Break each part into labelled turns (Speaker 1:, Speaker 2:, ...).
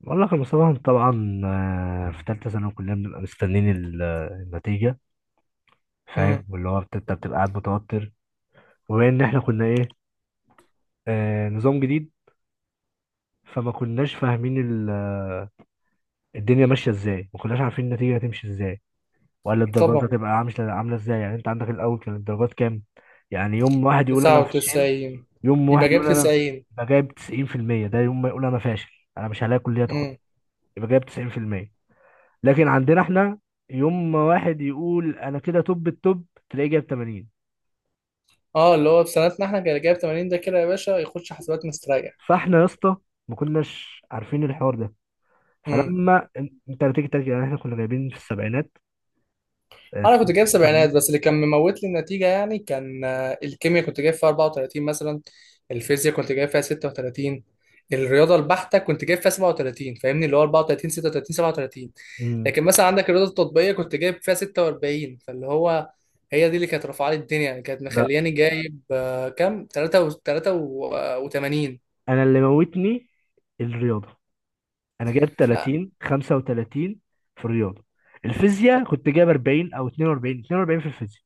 Speaker 1: بقول لك يا مصطفى، طبعا، في ثالثه ثانوي كلنا بنبقى مستنيين النتيجه.
Speaker 2: امم.
Speaker 1: فاهم، واللي هو انت بتبقى قاعد متوتر. وبما ان احنا كنا ايه، نظام جديد. فما كناش فاهمين الدنيا ماشيه ازاي، ما كناش عارفين النتيجه هتمشي ازاي، ولا الدرجات
Speaker 2: طبعا،
Speaker 1: هتبقى عامله عامله ازاي. يعني انت عندك الاول كان الدرجات كام؟ يعني يوم واحد يقول انا فشل،
Speaker 2: 99.
Speaker 1: يوم
Speaker 2: يبقى
Speaker 1: واحد
Speaker 2: جاب
Speaker 1: يقول انا
Speaker 2: 90.
Speaker 1: أنا جايب 90%، ده يوم ما يقول انا فاشل، انا مش هلاقي كليه تاخد.
Speaker 2: امم.
Speaker 1: يبقى جايب 90%. لكن عندنا احنا، يوم ما واحد يقول انا كده توب التوب، تلاقيه جايب 80.
Speaker 2: اه، اللي هو في سنتنا احنا كان جايب 80 ده كده يا باشا يخش حسابات مستريح.
Speaker 1: فاحنا يا اسطى، ما كناش عارفين الحوار ده.
Speaker 2: امم.
Speaker 1: فلما انت بتيجي ترجع، يعني احنا كنا جايبين في السبعينات،
Speaker 2: انا كنت جايب سبعينات،
Speaker 1: 79.
Speaker 2: بس اللي كان مموت لي النتيجه يعني كان الكيمياء كنت جايب فيها 34 مثلا. الفيزياء كنت جايب فيها 36. الرياضه البحته كنت جايب فيها 37. فاهمني، اللي هو 34، 36، 37.
Speaker 1: مم.
Speaker 2: لكن مثلا عندك الرياضه التطبيقيه كنت جايب فيها 46، فاللي هو هي دي اللي كانت رافعه لي الدنيا يعني، كانت
Speaker 1: لا،
Speaker 2: مخلياني جايب كام، 83.
Speaker 1: انا اللي موتني الرياضه. انا جايب
Speaker 2: لا،
Speaker 1: 30، 35 في الرياضه. الفيزياء كنت جايب 40 او 42، في الفيزياء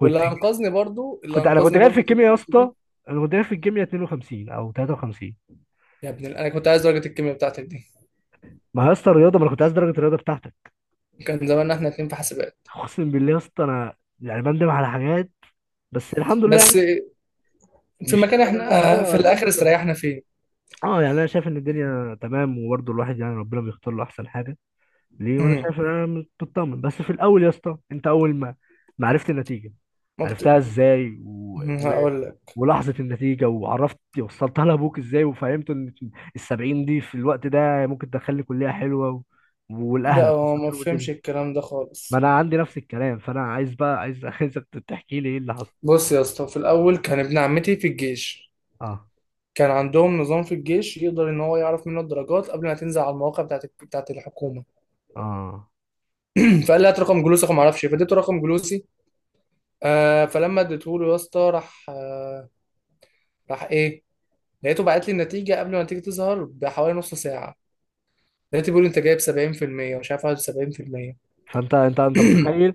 Speaker 1: كنت.
Speaker 2: واللي انقذني برضو اللي
Speaker 1: انا كنت
Speaker 2: انقذني
Speaker 1: جايب في
Speaker 2: برضو في
Speaker 1: الكيمياء يا
Speaker 2: المواد
Speaker 1: اسطى.
Speaker 2: دي.
Speaker 1: انا كنت جايب في الكيمياء 52 او 53.
Speaker 2: يا انا كنت عايز درجه الكيمياء بتاعتك دي.
Speaker 1: ما هي يا اسطى الرياضه، ما انا كنت عايز درجه الرياضه بتاعتك.
Speaker 2: كان زماننا احنا اتنين في حاسبات.
Speaker 1: اقسم بالله يا اسطى، انا يعني بندم على حاجات، بس الحمد لله
Speaker 2: بس
Speaker 1: يعني.
Speaker 2: في
Speaker 1: مش
Speaker 2: مكان
Speaker 1: ندم يعني،
Speaker 2: احنا
Speaker 1: اه،
Speaker 2: في
Speaker 1: الحمد
Speaker 2: الاخر
Speaker 1: لله.
Speaker 2: استريحنا فيه.
Speaker 1: اه، يعني انا شايف ان الدنيا تمام، وبرضه الواحد يعني ربنا بيختار له احسن حاجه ليه. وانا
Speaker 2: امم.
Speaker 1: شايف ان انا مطمن، بس في الاول يا اسطى، انت اول ما عرفت النتيجه،
Speaker 2: ما
Speaker 1: عرفتها
Speaker 2: بت...
Speaker 1: ازاي
Speaker 2: هقول لك.
Speaker 1: ولحظه النتيجه، وعرفت وصلتها لابوك ازاي، وفهمت ان السبعين دي في الوقت ده ممكن تدخلني كليه حلوه
Speaker 2: ده
Speaker 1: ولاهلك
Speaker 2: هو
Speaker 1: وصلت
Speaker 2: ما
Speaker 1: لهم الدنيا.
Speaker 2: فهمش الكلام ده
Speaker 1: ما
Speaker 2: خالص.
Speaker 1: انا عندي نفس الكلام، فانا عايز بقى عايزك تحكي لي ايه اللي حصل.
Speaker 2: بص يا اسطى، في الاول كان ابن عمتي في الجيش.
Speaker 1: اه.
Speaker 2: كان عندهم نظام في الجيش يقدر ان هو يعرف منه الدرجات قبل ما تنزل على المواقع بتاعت الحكومه.
Speaker 1: اه.
Speaker 2: فقال لي هات رقم جلوسك وما اعرفش إيه. فاديته رقم جلوسي. فلما اديته له يا اسطى، راح ايه، لقيته بعت لي النتيجه قبل ما النتيجه تظهر بحوالي نص ساعه. لقيته بيقول انت جايب 70% ومش عارف 71%.
Speaker 1: فانت انت انت متخيل؟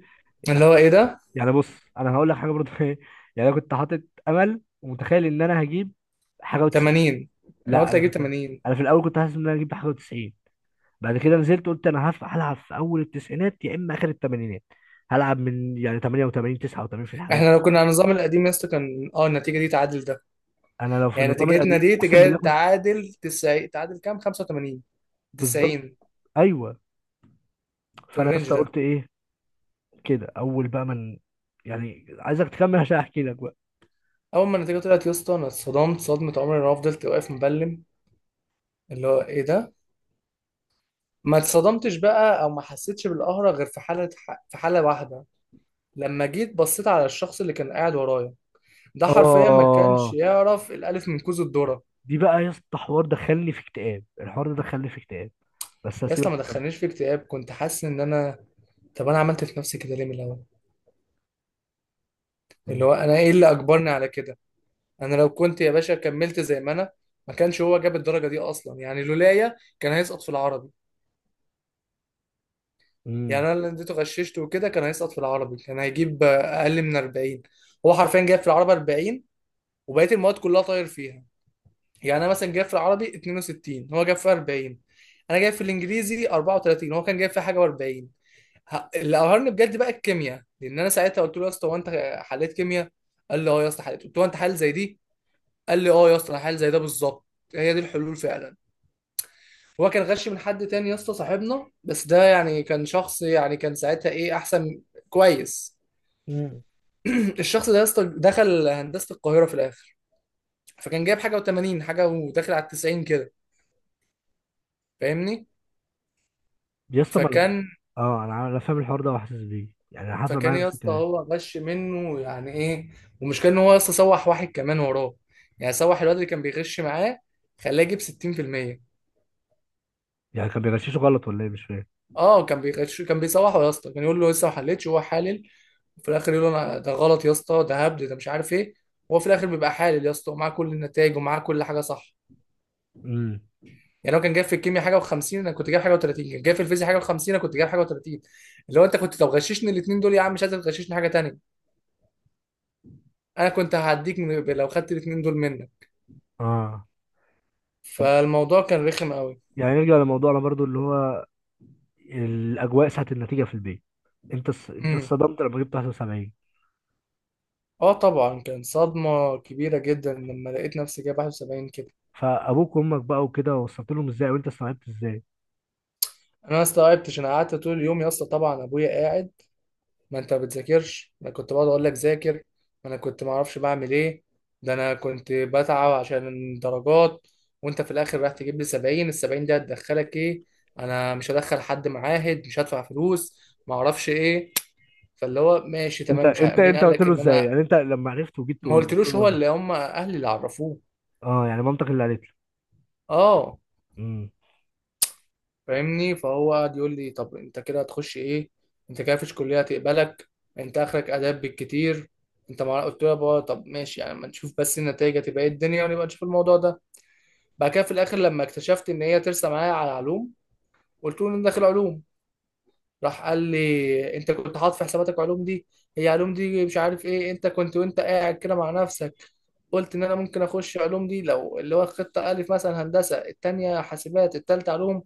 Speaker 2: اللي هو ايه ده؟
Speaker 1: يعني بص، انا هقول لك حاجه برضه ايه؟ يعني انا كنت حاطط امل ومتخيل ان انا هجيب حاجه و90.
Speaker 2: 80. انا
Speaker 1: لا،
Speaker 2: قلت اجيب 80.
Speaker 1: انا في الاول كنت حاسس ان انا هجيب حاجه و90. بعد كده نزلت، قلت انا هلعب في اول التسعينات، يا اما اخر الثمانينات. هلعب من يعني 88، 89 في الحاجات دي.
Speaker 2: احنا لو كنا على النظام القديم يا اسطى كان النتيجه دي تعادل ده.
Speaker 1: انا لو في
Speaker 2: يعني
Speaker 1: النظام
Speaker 2: نتيجتنا
Speaker 1: القديم
Speaker 2: دي
Speaker 1: اقسم بالله كنت.
Speaker 2: تعادل 90، تعادل كام، 85،
Speaker 1: بالظبط.
Speaker 2: 90،
Speaker 1: ايوه.
Speaker 2: في
Speaker 1: فانا
Speaker 2: الرينج
Speaker 1: لسه
Speaker 2: ده.
Speaker 1: قلت ايه؟ كده اول بقى من، يعني عايزك تكمل عشان احكي لك بقى.
Speaker 2: اول ما النتيجه طلعت يا اسطى انا اتصدمت صدمه عمري، انا فضلت واقف مبلم. اللي هو ايه ده؟ ما اتصدمتش بقى او ما حسيتش بالقهره غير في حاله واحده. لما جيت بصيت على الشخص اللي كان قاعد ورايا، ده حرفيا ما كانش
Speaker 1: اه،
Speaker 2: يعرف الالف من كوز الذره.
Speaker 1: دي بقى يا اسطى حوار دخلني في اكتئاب، الحوار ده دخلني في اكتئاب، بس
Speaker 2: يا اسطى
Speaker 1: هسيبك
Speaker 2: ما
Speaker 1: تكمل.
Speaker 2: دخلنيش في اكتئاب. كنت حاسس ان انا، طب انا عملت في نفسي كده ليه من الاول؟ اللي
Speaker 1: مم.
Speaker 2: هو انا ايه اللي اجبرني على كده؟ انا لو كنت يا باشا كملت زي ما انا، ما كانش هو جاب الدرجه دي اصلا. يعني لولايا كان هيسقط في العربي.
Speaker 1: مم.
Speaker 2: يعني انا اللي اديته غششته وكده كان هيسقط في العربي، كان هيجيب اقل من 40. هو حرفيا جاب في العربي 40، وبقيه المواد كلها طاير فيها. يعني انا مثلا جاب في العربي 62، هو جاب في 40. انا جايب في الانجليزي 34، هو كان جايب في حاجه و40. اللي قهرني بجد بقى الكيمياء، لان انا ساعتها قلت له يا اسطى هو انت حليت كيمياء؟ قال لي اه يا اسطى حليت. قلت له هو انت حل زي دي؟ قال لي اه يا اسطى الحل زي ده بالظبط، هي دي الحلول فعلا. هو كان غش من حد تاني يا اسطى، صاحبنا، بس ده يعني كان شخص يعني كان ساعتها ايه، احسن، كويس.
Speaker 1: مم.
Speaker 2: الشخص ده يا اسطى دخل هندسه القاهره في الاخر، فكان جايب حاجه و80، حاجه وداخل على 90 كده، فاهمني.
Speaker 1: يا اسطى ما
Speaker 2: فكان
Speaker 1: اه، انا فاهم الحوار ده وحاسس بيه، يعني أنا حصل
Speaker 2: فكان
Speaker 1: معايا
Speaker 2: يا
Speaker 1: نفس
Speaker 2: اسطى
Speaker 1: الكلام.
Speaker 2: هو غش منه يعني ايه. ومشكلة ان هو يا اسطى سوح واحد كمان وراه. يعني سوح الواد اللي كان بيغش معاه، خلاه يجيب 60%.
Speaker 1: يعني كان بيغششه غلط ولا ايه؟ مش فاهم.
Speaker 2: اه، كان بيغش، كان بيسوحه يا اسطى، كان يقول له لسه ما حلتش وهو حالل، وفي الاخر يقول له انا ده غلط يا اسطى، ده هبد، ده مش عارف ايه. وهو في الاخر بيبقى حالل يا اسطى، ومعاه كل النتائج، ومعاه كل حاجه صح.
Speaker 1: امم.
Speaker 2: يعني هو كان جايب في الكيمياء حاجه و50، انا كنت جايب حاجه و30. كان جايب في الفيزياء حاجه و50، انا كنت جايب حاجه و30. اللي هو انت كنت لو غششني الاثنين دول يا عم، مش عايز تغششني حاجه تانيه؟ انا كنت هعديك لو خدت الاثنين دول منك.
Speaker 1: اه،
Speaker 2: فالموضوع كان رخم قوي.
Speaker 1: يعني نرجع لموضوعنا برضو، اللي هو الاجواء ساعه النتيجه في البيت. انت انت
Speaker 2: امم.
Speaker 1: اتصدمت لما جبت 71؟
Speaker 2: اه طبعا، كان صدمه كبيره جدا لما لقيت نفسي جايب 71 كده.
Speaker 1: فابوك وامك بقى وكده، وصلت لهم ازاي وانت استوعبت ازاي؟
Speaker 2: انا ما استوعبتش. انا قعدت طول اليوم يا اسطى، طبعا ابويا قاعد: ما انت بتذاكرش، انا كنت بقعد اقول لك ذاكر، ما انا كنت ما اعرفش بعمل ايه، ده انا كنت بتعب عشان درجات، وانت في الاخر رايح تجيب لي 70؟ ال 70 دي هتدخلك ايه؟ انا مش هدخل حد معاهد، مش هدفع فلوس، ما اعرفش ايه. فاللي هو ماشي
Speaker 1: انت
Speaker 2: تمام، مش
Speaker 1: انت
Speaker 2: مين
Speaker 1: انت
Speaker 2: قال
Speaker 1: قلت
Speaker 2: لك
Speaker 1: له
Speaker 2: ان
Speaker 1: ازاي؟
Speaker 2: انا؟
Speaker 1: يعني انت لما عرفت وجيت
Speaker 2: ما
Speaker 1: تقول له، قلت
Speaker 2: قلتلوش،
Speaker 1: له:
Speaker 2: هو
Speaker 1: يابا.
Speaker 2: اللي، هم اهلي اللي عرفوه.
Speaker 1: اه، يعني مامتك اللي قالت له.
Speaker 2: اه،
Speaker 1: امم.
Speaker 2: فاهمني. فهو قعد يقول لي طب انت كده هتخش ايه؟ انت كده مفيش كليه هتقبلك، انت اخرك اداب بالكتير. انت ما قلت له يا بابا طب ماشي يعني، ما نشوف بس النتائج هتبقى ايه الدنيا ونبقى نشوف الموضوع ده. بعد كده في الاخر لما اكتشفت ان هي ترسى معايا على علوم، قلت له ان انا داخل علوم. راح قال لي انت كنت حاطط في حساباتك علوم دي؟ هي علوم دي مش عارف ايه، انت كنت وانت قاعد كده مع نفسك قلت ان انا ممكن اخش علوم دي لو اللي هو خطه الف مثلا هندسه، التانيه حاسبات، التالته علوم؟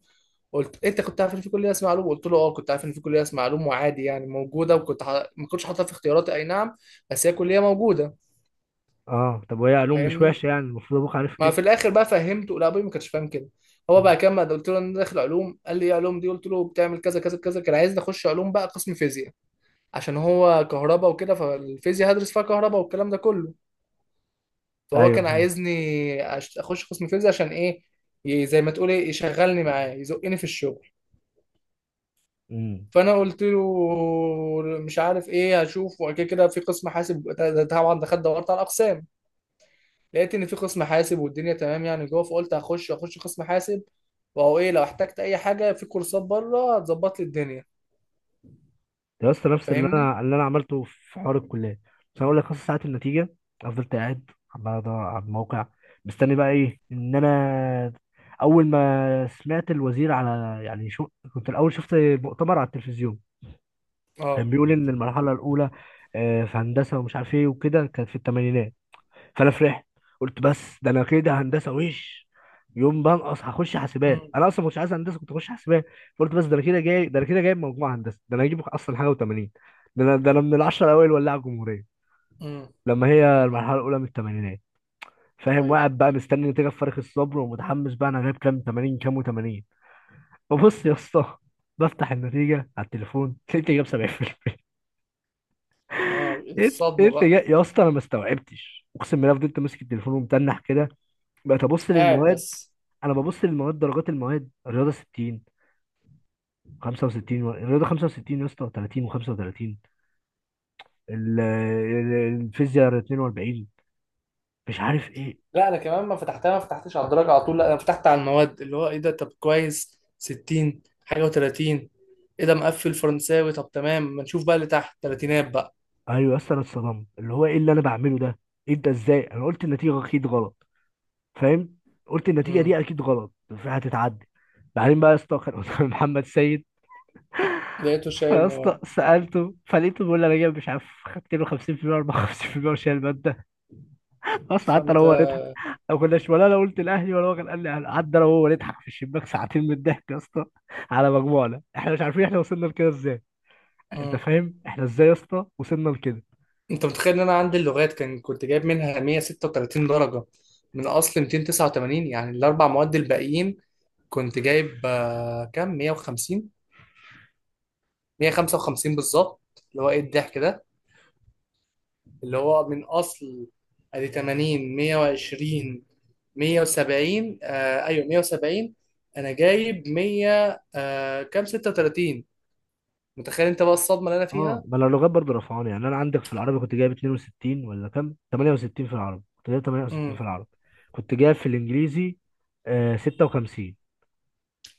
Speaker 2: قلت انت كنت عارف ان في كليه اسمها علوم؟ قلت له اه كنت عارف ان في كليه اسمها علوم وعادي يعني موجوده، ما كنتش حاططها في اختياراتي، اي نعم، بس هي كليه موجوده،
Speaker 1: اه، طب وهي علوم مش
Speaker 2: فاهمني.
Speaker 1: وحشه، يعني المفروض ابوك عارف
Speaker 2: ما
Speaker 1: كده.
Speaker 2: في الاخر بقى فهمته، لا، ابوي ما كانش فاهم كده. هو
Speaker 1: مم.
Speaker 2: بقى كمل، قلت له انا داخل علوم، قال لي ايه علوم دي، قلت له بتعمل كذا كذا كذا. كان عايزني اخش علوم بقى قسم فيزياء، عشان هو كهرباء وكده، فالفيزياء هدرس فيها كهرباء والكلام ده كله. فهو
Speaker 1: ايوه،
Speaker 2: كان
Speaker 1: فاهم.
Speaker 2: عايزني اخش قسم فيزياء، عشان ايه؟ زي ما تقول ايه، يشغلني معاه، يزقني في الشغل.
Speaker 1: امم.
Speaker 2: فانا قلت له مش عارف ايه، هشوف. وبعد كده في قسم حاسب ده طبعا دخلت دورت على الاقسام، لقيت ان في قسم حاسب والدنيا تمام يعني جوه. فقلت هخش قسم حاسب. وهو ايه لو احتجت اي حاجه في كورسات بره هتظبط لي الدنيا،
Speaker 1: ده يا اسطى نفس اللي
Speaker 2: فاهمني.
Speaker 1: انا اللي انا عملته في حوار الكليه. بس هقول لك نص ساعه النتيجه، انا فضلت قاعد عمال ادور على الموقع، مستني بقى ايه ان انا اول ما سمعت الوزير على يعني شو. كنت الاول شفت مؤتمر على التلفزيون،
Speaker 2: اه.
Speaker 1: كان بيقول ان المرحله الاولى في هندسه ومش عارف ايه وكده كانت في الثمانينات. فانا فرحت، قلت بس ده انا كده هندسه وش، يوم بنقص هخش حاسبات،
Speaker 2: امم.
Speaker 1: انا اصلا ما كنتش عايز هندسه، كنت اخش حاسبات. فقلت بس ده انا كده جايب مجموعه هندسه، ده انا هجيب اصلا حاجه و80. ده انا من العشره الاوائل، ولاعه الجمهوريه.
Speaker 2: امم.
Speaker 1: لما هي المرحله الاولى من الثمانينات. فاهم،
Speaker 2: ايوه.
Speaker 1: وقاعد بقى مستني نتيجه بفارغ الصبر ومتحمس، بقى انا جايب كام 80، كام و80؟ ببص يا اسطى، بفتح النتيجه على التليفون لقيت جايب 70%.
Speaker 2: اه،
Speaker 1: ايه؟ ايه
Speaker 2: الصدمه
Speaker 1: اللي
Speaker 2: بقى.
Speaker 1: يا اسطى انا ما استوعبتش، اقسم بالله فضلت ماسك التليفون ومتنح كده. بقيت ابص
Speaker 2: قاعد
Speaker 1: للمواد،
Speaker 2: بس.
Speaker 1: انا ببص للمواد، درجات المواد: الرياضه 60، 65، الرياضه 65 يا اسطى، 30 و35. الفيزياء 42، مش عارف ايه.
Speaker 2: لا انا كمان ما فتحتها، ما فتحتش على الدرجه على طول، لا، انا فتحت على المواد، اللي هو ايه ده؟ طب كويس، 60، حاجه و30، ايه ده مقفل فرنساوي، طب تمام ما نشوف بقى اللي تحت تلاتينات بقى.
Speaker 1: ايوه يا اسطى انا اتصدمت، اللي هو ايه اللي انا بعمله ده؟ انت ازاي؟ انا قلت النتيجه اكيد غلط، فاهم. قلت النتيجه
Speaker 2: امم.
Speaker 1: دي اكيد غلط، هتتعدل. بعدين بقى يا اسطى، كان قدام محمد سيد.
Speaker 2: لقيته شايل
Speaker 1: يا اسطى
Speaker 2: مواد.
Speaker 1: سالته، فلقيته بيقول لي انا جايب مش عارف، خدت له 50%، 54% وشايل. اصلا حتى لو
Speaker 2: فانت،
Speaker 1: هو نضحك، لو كنا شمال انا قلت الاهلي ولا هو كان قال لي أهلي. قعدنا انا وهو نضحك في الشباك ساعتين من الضحك يا اسطى، على مجموعنا، احنا مش عارفين احنا وصلنا لكده ازاي. انت
Speaker 2: امم.
Speaker 1: فاهم احنا ازاي يا اسطى وصلنا لكده؟
Speaker 2: انت متخيل ان انا عندي اللغات كان كنت جايب منها 136 درجه، من اصل 289. يعني الاربع مواد الباقيين كنت جايب كام، 150، 155 بالظبط. اللي هو ايه الضحك ده. اللي هو من اصل، ادي 80، 120، 170، آه ايوه، 170. انا جايب 100 كام، 36. متخيل انت بقى الصدمه اللي انا
Speaker 1: اه،
Speaker 2: فيها.
Speaker 1: بلا اللغات برضه رفعوني، يعني انا عندك في العربي كنت جايب 62 ولا كام، 68، في العربي كنت جايب 68 في
Speaker 2: امم.
Speaker 1: العربي. كنت جايب في الانجليزي 56،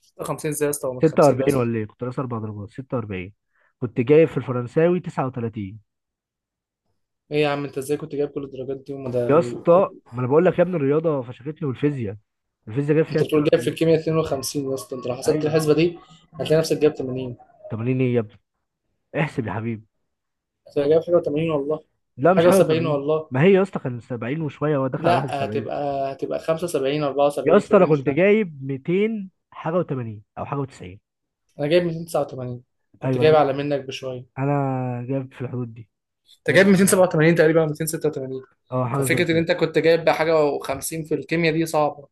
Speaker 2: 56؟ ازاي يا اسطى هو من 50
Speaker 1: 46
Speaker 2: اصلا؟
Speaker 1: ولا ايه، كنت ناقص اربع درجات، 46. كنت جايب في الفرنساوي 39.
Speaker 2: ايه يا عم انت ازاي كنت جايب كل الدرجات دي وما ده؟
Speaker 1: يا اسطى ما انا بقول لك يا ابني، الرياضه فشختني، والفيزياء، جاب فيها
Speaker 2: انت بتقول جايب في
Speaker 1: 42.
Speaker 2: الكيمياء 52، يا اسطى انت لو حسبت
Speaker 1: ايوه.
Speaker 2: الحسبه دي هتلاقي نفسك جايب 80.
Speaker 1: 80؟ ايه يا ابني، احسب يا حبيبي.
Speaker 2: هتبقى جايب حاجه و80، والله.
Speaker 1: لا مش
Speaker 2: حاجه
Speaker 1: حاجه
Speaker 2: و70،
Speaker 1: 80.
Speaker 2: والله.
Speaker 1: ما هي يا اسطى كان 70 وشويه، هو داخل على
Speaker 2: لا،
Speaker 1: 71.
Speaker 2: هتبقى 75،
Speaker 1: يا
Speaker 2: 74 في
Speaker 1: اسطى انا
Speaker 2: الرينج.
Speaker 1: كنت جايب 200 حاجه و80، او حاجه و90.
Speaker 2: انا جايب 289، كنت
Speaker 1: ايوه،
Speaker 2: جايب
Speaker 1: انا
Speaker 2: اعلى منك بشويه.
Speaker 1: انا جايب في الحدود دي،
Speaker 2: انت
Speaker 1: جايب،
Speaker 2: جايب 287 تقريبا، أو 286.
Speaker 1: اه حاجه زي
Speaker 2: ففكره ان
Speaker 1: كده.
Speaker 2: انت كنت جايب بحاجه و50 في الكيمياء دي صعبه،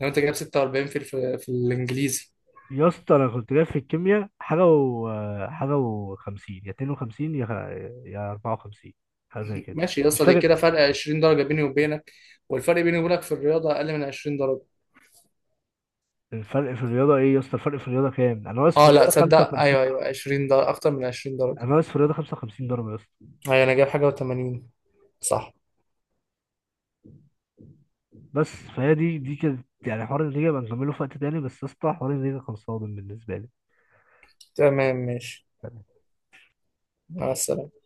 Speaker 2: لو انت جايب 46 في في الانجليزي.
Speaker 1: يا اسطى انا كنت جايب في الكيمياء حاجه و50، يا 52، يا يا 54، حاجه زي كده،
Speaker 2: ماشي يا
Speaker 1: مش
Speaker 2: اسطى، دي
Speaker 1: فاكر.
Speaker 2: كده فرق 20 درجه بيني وبينك. والفرق بيني وبينك في الرياضه اقل من 20 درجه.
Speaker 1: الفرق في الرياضة ايه يا اسطى؟ الفرق في الرياضة كام؟ انا واقف في
Speaker 2: اه، لا
Speaker 1: الرياضة
Speaker 2: تصدق،
Speaker 1: 55
Speaker 2: ايوه ايوه،
Speaker 1: درجة.
Speaker 2: 20 درجه، اكتر من 20 درجه.
Speaker 1: انا واقف في الرياضة 55 درجة يا اسطى.
Speaker 2: ايوه، انا جايب حاجه و80، صح.
Speaker 1: بس فهي دي كانت يعني حوار النتيجة، بقى نكمله في وقت تاني، بس يا اسطى حوار النتيجة كان صادم بالنسبة لي.
Speaker 2: تمام، ماشي. مع السلامه.